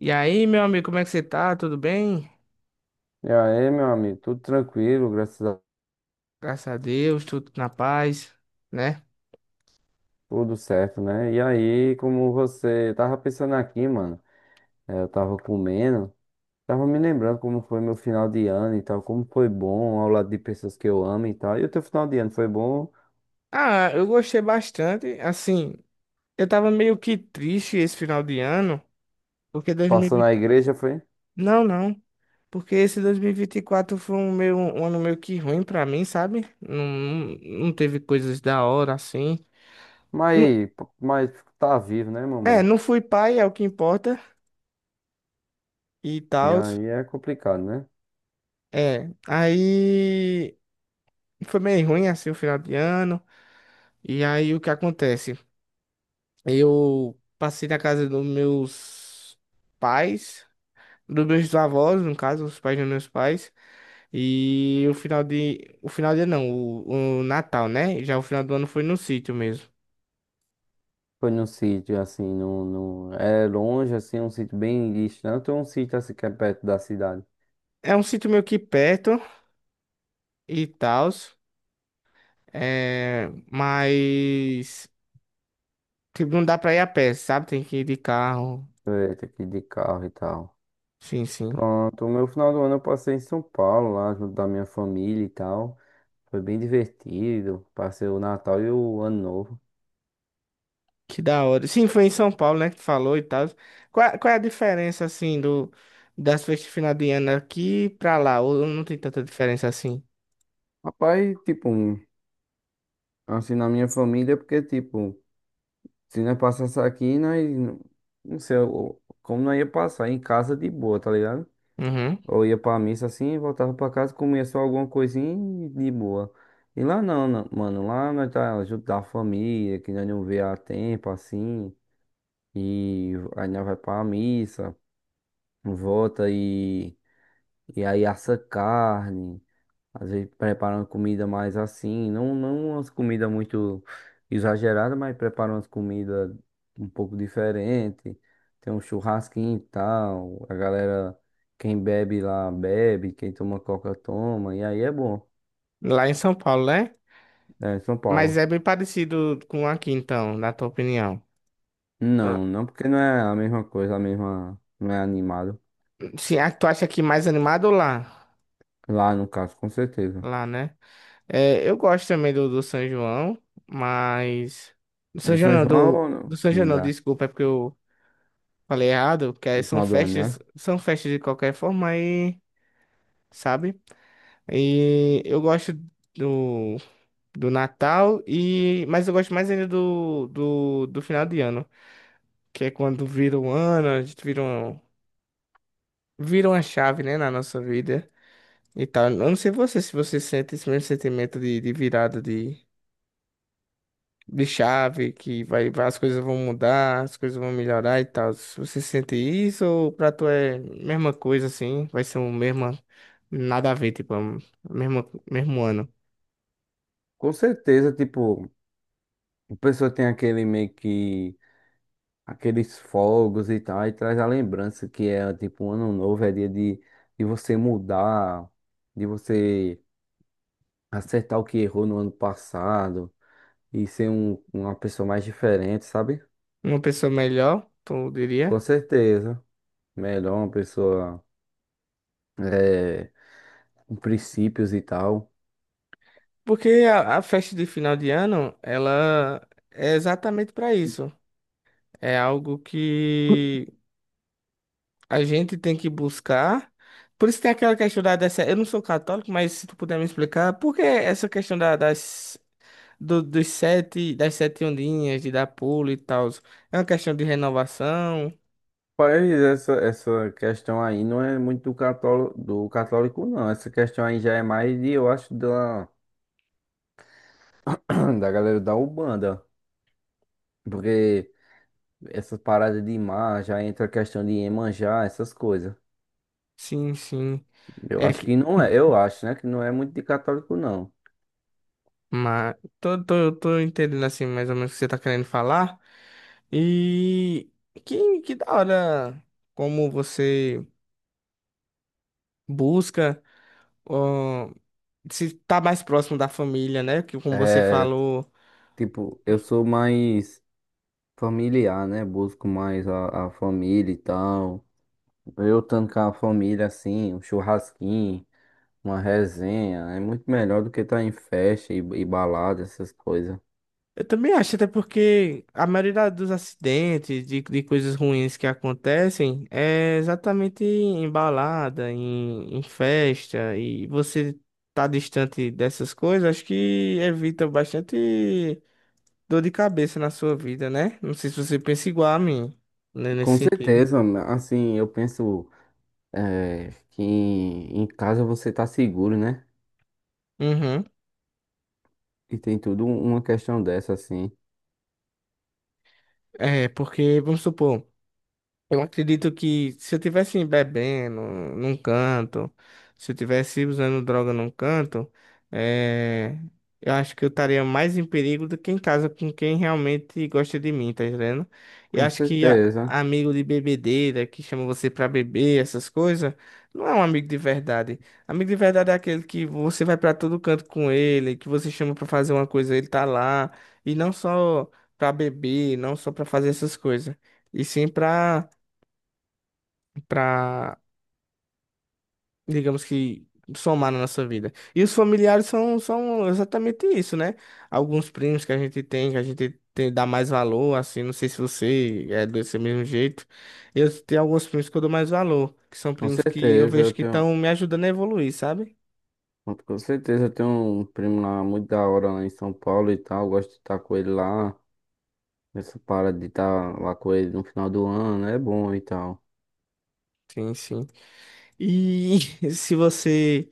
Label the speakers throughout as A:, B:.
A: E aí, meu amigo, como é que você tá? Tudo bem?
B: E aí, meu amigo, tudo tranquilo, graças a
A: Graças a Deus, tudo na paz, né?
B: tudo certo, né? E aí, como você tava pensando aqui, mano, eu tava comendo, tava me lembrando como foi meu final de ano e tal, como foi bom ao lado de pessoas que eu amo e tal. E o teu final de ano foi bom?
A: Ah, eu gostei bastante. Assim, eu tava meio que triste esse final de ano, porque
B: Passou
A: 2020...
B: na igreja, foi?
A: Não, não. Porque esse 2024 foi um ano meio que ruim pra mim, sabe? Não não, teve coisas da hora, assim. Não-
B: Mas, mas tá vivo, né, meu
A: É,
B: mano?
A: não fui pai, é o que importa, e
B: E
A: tal.
B: aí é complicado, né?
A: É, aí foi meio ruim, assim, o final de ano. E aí, o que acontece? Eu passei na casa dos meus pais, dos meus avós, no caso, os pais dos meus pais. O final de não, o Natal, né? Já o final do ano foi no sítio mesmo.
B: Foi num sítio assim, é longe, assim, um sítio bem distante ou um sítio assim que é perto da cidade?
A: É um sítio meio que perto e tal. É, mas. Tipo, não dá pra ir a pé, sabe? Tem que ir de carro.
B: Foi, tem que ir de carro e tal.
A: Sim, sim.
B: Pronto, o meu final do ano eu passei em São Paulo, lá junto da minha família e tal. Foi bem divertido. Passei o Natal e o Ano Novo.
A: Que da hora. Sim, foi em São Paulo, né, que tu falou e tal. Qual é a diferença, assim, das festas de final de ano aqui pra lá? Ou não tem tanta diferença assim?
B: Rapaz, assim, na minha família, porque, tipo, se nós passasse aqui, nós, não sei, como nós ia passar em casa de boa, tá ligado?
A: Uhum.
B: Ou ia pra missa assim, voltava pra casa, comia só alguma coisinha e de boa. E lá não, não, mano, lá nós tá junto da família, que nós não vê há tempo, assim, e aí nós vai pra missa, volta e aí assa carne, às vezes preparando comida mais assim, não umas comidas muito exageradas, mas preparando umas comidas um pouco diferente, tem um churrasquinho e tal, a galera, quem bebe lá bebe, quem toma coca toma, e aí é bom,
A: Lá em São Paulo, né?
B: é São
A: Mas
B: Paulo.
A: é bem parecido com aqui, então, na tua opinião. Ah,
B: Não, não porque não é a mesma coisa, a mesma, não é animado,
A: sim, ah, tu acha aqui mais animado ou lá?
B: lá no caso, com certeza.
A: Lá, né? É, eu gosto também do São João, mas... Do
B: Do
A: São João
B: São
A: não,
B: João, ou
A: do
B: não?
A: São João
B: Sim,
A: não, desculpa, é porque eu falei errado, porque
B: do final do ano, né?
A: são festas de qualquer forma aí, sabe? E eu gosto do, do Natal e mas eu gosto mais ainda do final de ano, que é quando vira um ano, a gente vira, um, vira uma chave, né, na nossa vida e tal. Eu não sei você se você sente esse mesmo sentimento de virada de chave, que as coisas vão mudar, as coisas vão melhorar e tal. Se você sente isso ou pra tu é mesma coisa assim, vai ser o mesmo nada a ver, tipo, a mesma mesmo ano.
B: Com certeza, tipo, a pessoa tem aquele meio que aqueles fogos e tal, e traz a lembrança que é tipo um ano novo, é dia de você mudar, de você acertar o que errou no ano passado e ser uma pessoa mais diferente, sabe?
A: Uma pessoa melhor, tu diria?
B: Com certeza. Melhor uma pessoa é, com princípios e tal.
A: Porque a festa de final de ano, ela é exatamente para isso. É algo que a gente tem que buscar. Por isso tem aquela questão da dessa, eu não sou católico, mas se tu puder me explicar, por que essa questão da- das do- dos sete, das sete ondinhas de dar pulo e tal? É uma questão de renovação?
B: Mas essa questão aí não é muito do católico, não. Essa questão aí já é mais de, eu acho, da, da galera da Umbanda. Porque essas paradas de mar já entra a questão de Iemanjá, essas coisas.
A: Sim, sim.
B: Eu
A: É
B: acho que
A: que
B: não é, eu acho, né? Que não é muito de católico, não.
A: mas tô entendendo assim mais ou menos o que você tá querendo falar. E que da hora como você busca ó, se tá mais próximo da família, né? Que como você
B: É,
A: falou,
B: tipo, eu sou mais familiar, né? Busco mais a família e tal. Eu estando com a família, assim, um churrasquinho, uma resenha, é muito melhor do que estar em festa e balada, essas coisas.
A: eu também acho, até porque a maioria da- dos acidentes, de coisas ruins que acontecem, é exatamente em balada, em festa, e você tá distante dessas coisas, acho que evita bastante dor de cabeça na sua vida, né? Não sei se você pensa igual a mim, né, nesse
B: Com
A: sentido.
B: certeza, assim, eu penso, é, que em casa você tá seguro, né?
A: Uhum.
B: E tem tudo uma questão dessa, assim.
A: É, porque, vamos supor. Eu acredito que se eu tivesse bebendo num canto, se eu tivesse usando droga num canto, eh, eu acho que eu estaria mais em perigo do que em casa com quem realmente gosta de mim, tá entendendo? Eu
B: Com
A: acho que a-
B: certeza,
A: amigo de bebedeira que chama você pra beber, essas coisas, não é um amigo de verdade. Amigo de verdade é aquele que você vai pra todo canto com ele, que você chama pra fazer uma coisa, ele tá lá, e não só pra beber, não só pra fazer essas coisas, e sim pra para, digamos que, somar na nossa vida. E os familiares são exatamente isso, né? Alguns primos que a gente tem, que a gente tem, dá mais valor, assim, não sei se você é desse mesmo jeito. Eu tenho alguns primos que eu dou mais valor, que são
B: com
A: primos que eu
B: certeza. Eu
A: vejo que
B: tenho,
A: estão me ajudando a evoluir, sabe?
B: com certeza eu tenho um primo lá muito da hora lá em São Paulo e tal. Eu gosto de estar com ele lá. Essa parada de estar lá com ele no final do ano é bom e tal.
A: Sim, sim. E se você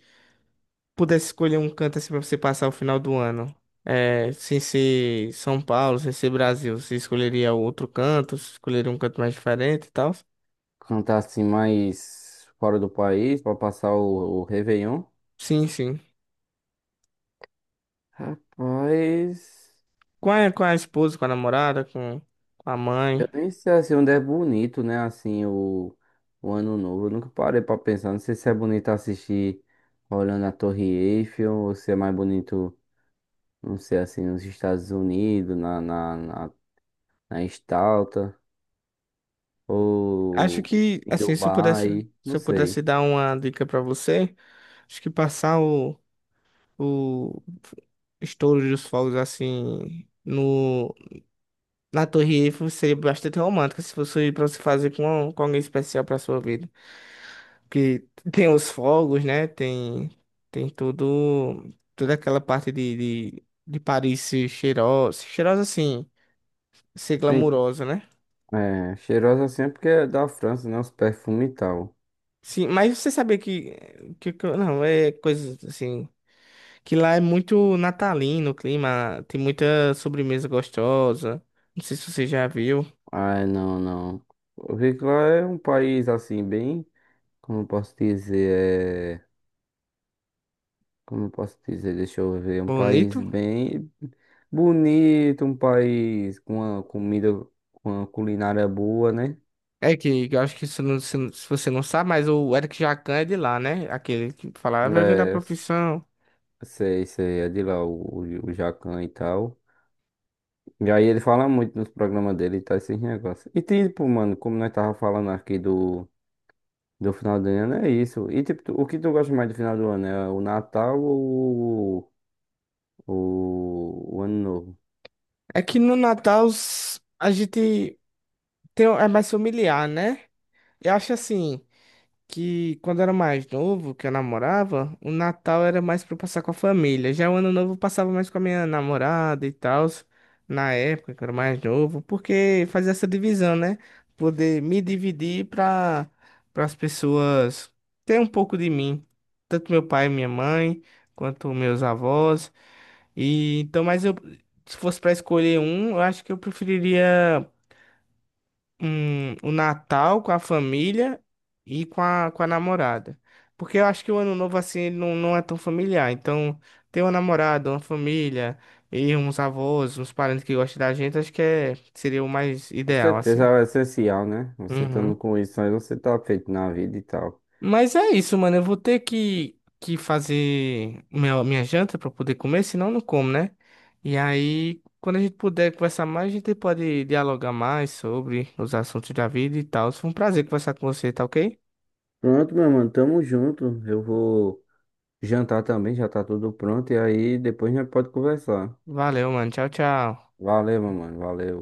A: pudesse escolher um canto assim para você passar o final do ano, é, sem ser São Paulo, sem ser Brasil, você escolheria outro canto, escolheria um canto mais diferente e tal?
B: Cantar assim mais fora do país pra passar o Réveillon.
A: Sim, sim.
B: Rapaz.
A: Com com a esposa, com a namorada, com a
B: Eu
A: mãe.
B: nem sei assim onde é bonito, né? Assim, o Ano Novo. Eu nunca parei pra pensar. Não sei se é bonito assistir olhando a Torre Eiffel ou se é mais bonito, não sei, assim, nos Estados Unidos, na Estátua
A: Acho
B: ou
A: que,
B: em
A: assim, se eu pudesse,
B: Dubai.
A: se
B: Não
A: eu pudesse
B: sei.
A: dar uma dica pra você, acho que passar o estouro dos fogos, assim, no, na Torre Eiffel seria bastante romântico se fosse pra você fazer com alguém especial pra sua vida. Porque tem os fogos, né? Tem, tem tudo, toda aquela parte de Paris ser cheirosa, cheirosa assim, ser
B: Nem-
A: glamurosa, né?
B: É, cheirosa assim é porque é da França, né? Os perfumes e tal.
A: Sim, mas você sabia não, é coisa assim, que lá é muito natalino o clima, tem muita sobremesa gostosa. Não sei se você já viu.
B: Ah, não, não. Eu vi que lá é um país assim, bem, como eu posso dizer, é, como eu posso dizer, deixa eu ver, um país
A: Bonito.
B: bem bonito, um país com uma comida, com uma culinária boa, né?
A: É que eu acho que se, não- se você não sabe, mas o Eric Jacan é de lá, né? Aquele que falava vergonha da
B: É,
A: profissão.
B: sei, sei, é de lá o Jacan e tal. E aí ele fala muito nos programas dele e tal, esses negócios. E tipo, mano, como nós tava falando aqui do, do final do ano, é isso. E tipo, tu- o que tu gosta mais do final do ano? É o Natal ou o Ano Novo?
A: É que no Natal os- a gente tem, é mais familiar, né? Eu acho assim. Que quando eu era mais novo, que eu namorava, o Natal era mais pra eu passar com a família. Já o Ano Novo eu passava mais com a minha namorada e tal, na época que eu era mais novo, porque fazia essa divisão, né? Poder me dividir pra, para as pessoas ter um pouco de mim, tanto meu pai e minha mãe, quanto meus avós. E então, mas eu se fosse pra escolher um, eu acho que eu preferiria um, o Natal com a família e com a namorada. Porque eu acho que o Ano Novo, assim, ele não, não é tão familiar. Então, ter uma namorada, uma família e uns avós, uns parentes que gostam da gente, acho que é, seria o mais
B: Com
A: ideal,
B: certeza
A: assim.
B: é o essencial, né? Você
A: Uhum.
B: estando com isso aí, você tá feito na vida e tal.
A: Mas é isso, mano. Eu vou ter que fazer minha, minha janta pra poder comer, senão eu não como, né? E aí, quando a gente puder conversar mais, a gente pode dialogar mais sobre os assuntos da vida e tal. Foi um prazer conversar com você, tá ok?
B: Pronto, meu mano, tamo junto. Eu vou jantar também, já tá tudo pronto. E aí depois a gente pode conversar.
A: Valeu, mano. Tchau, tchau.
B: Valeu, meu mano, valeu.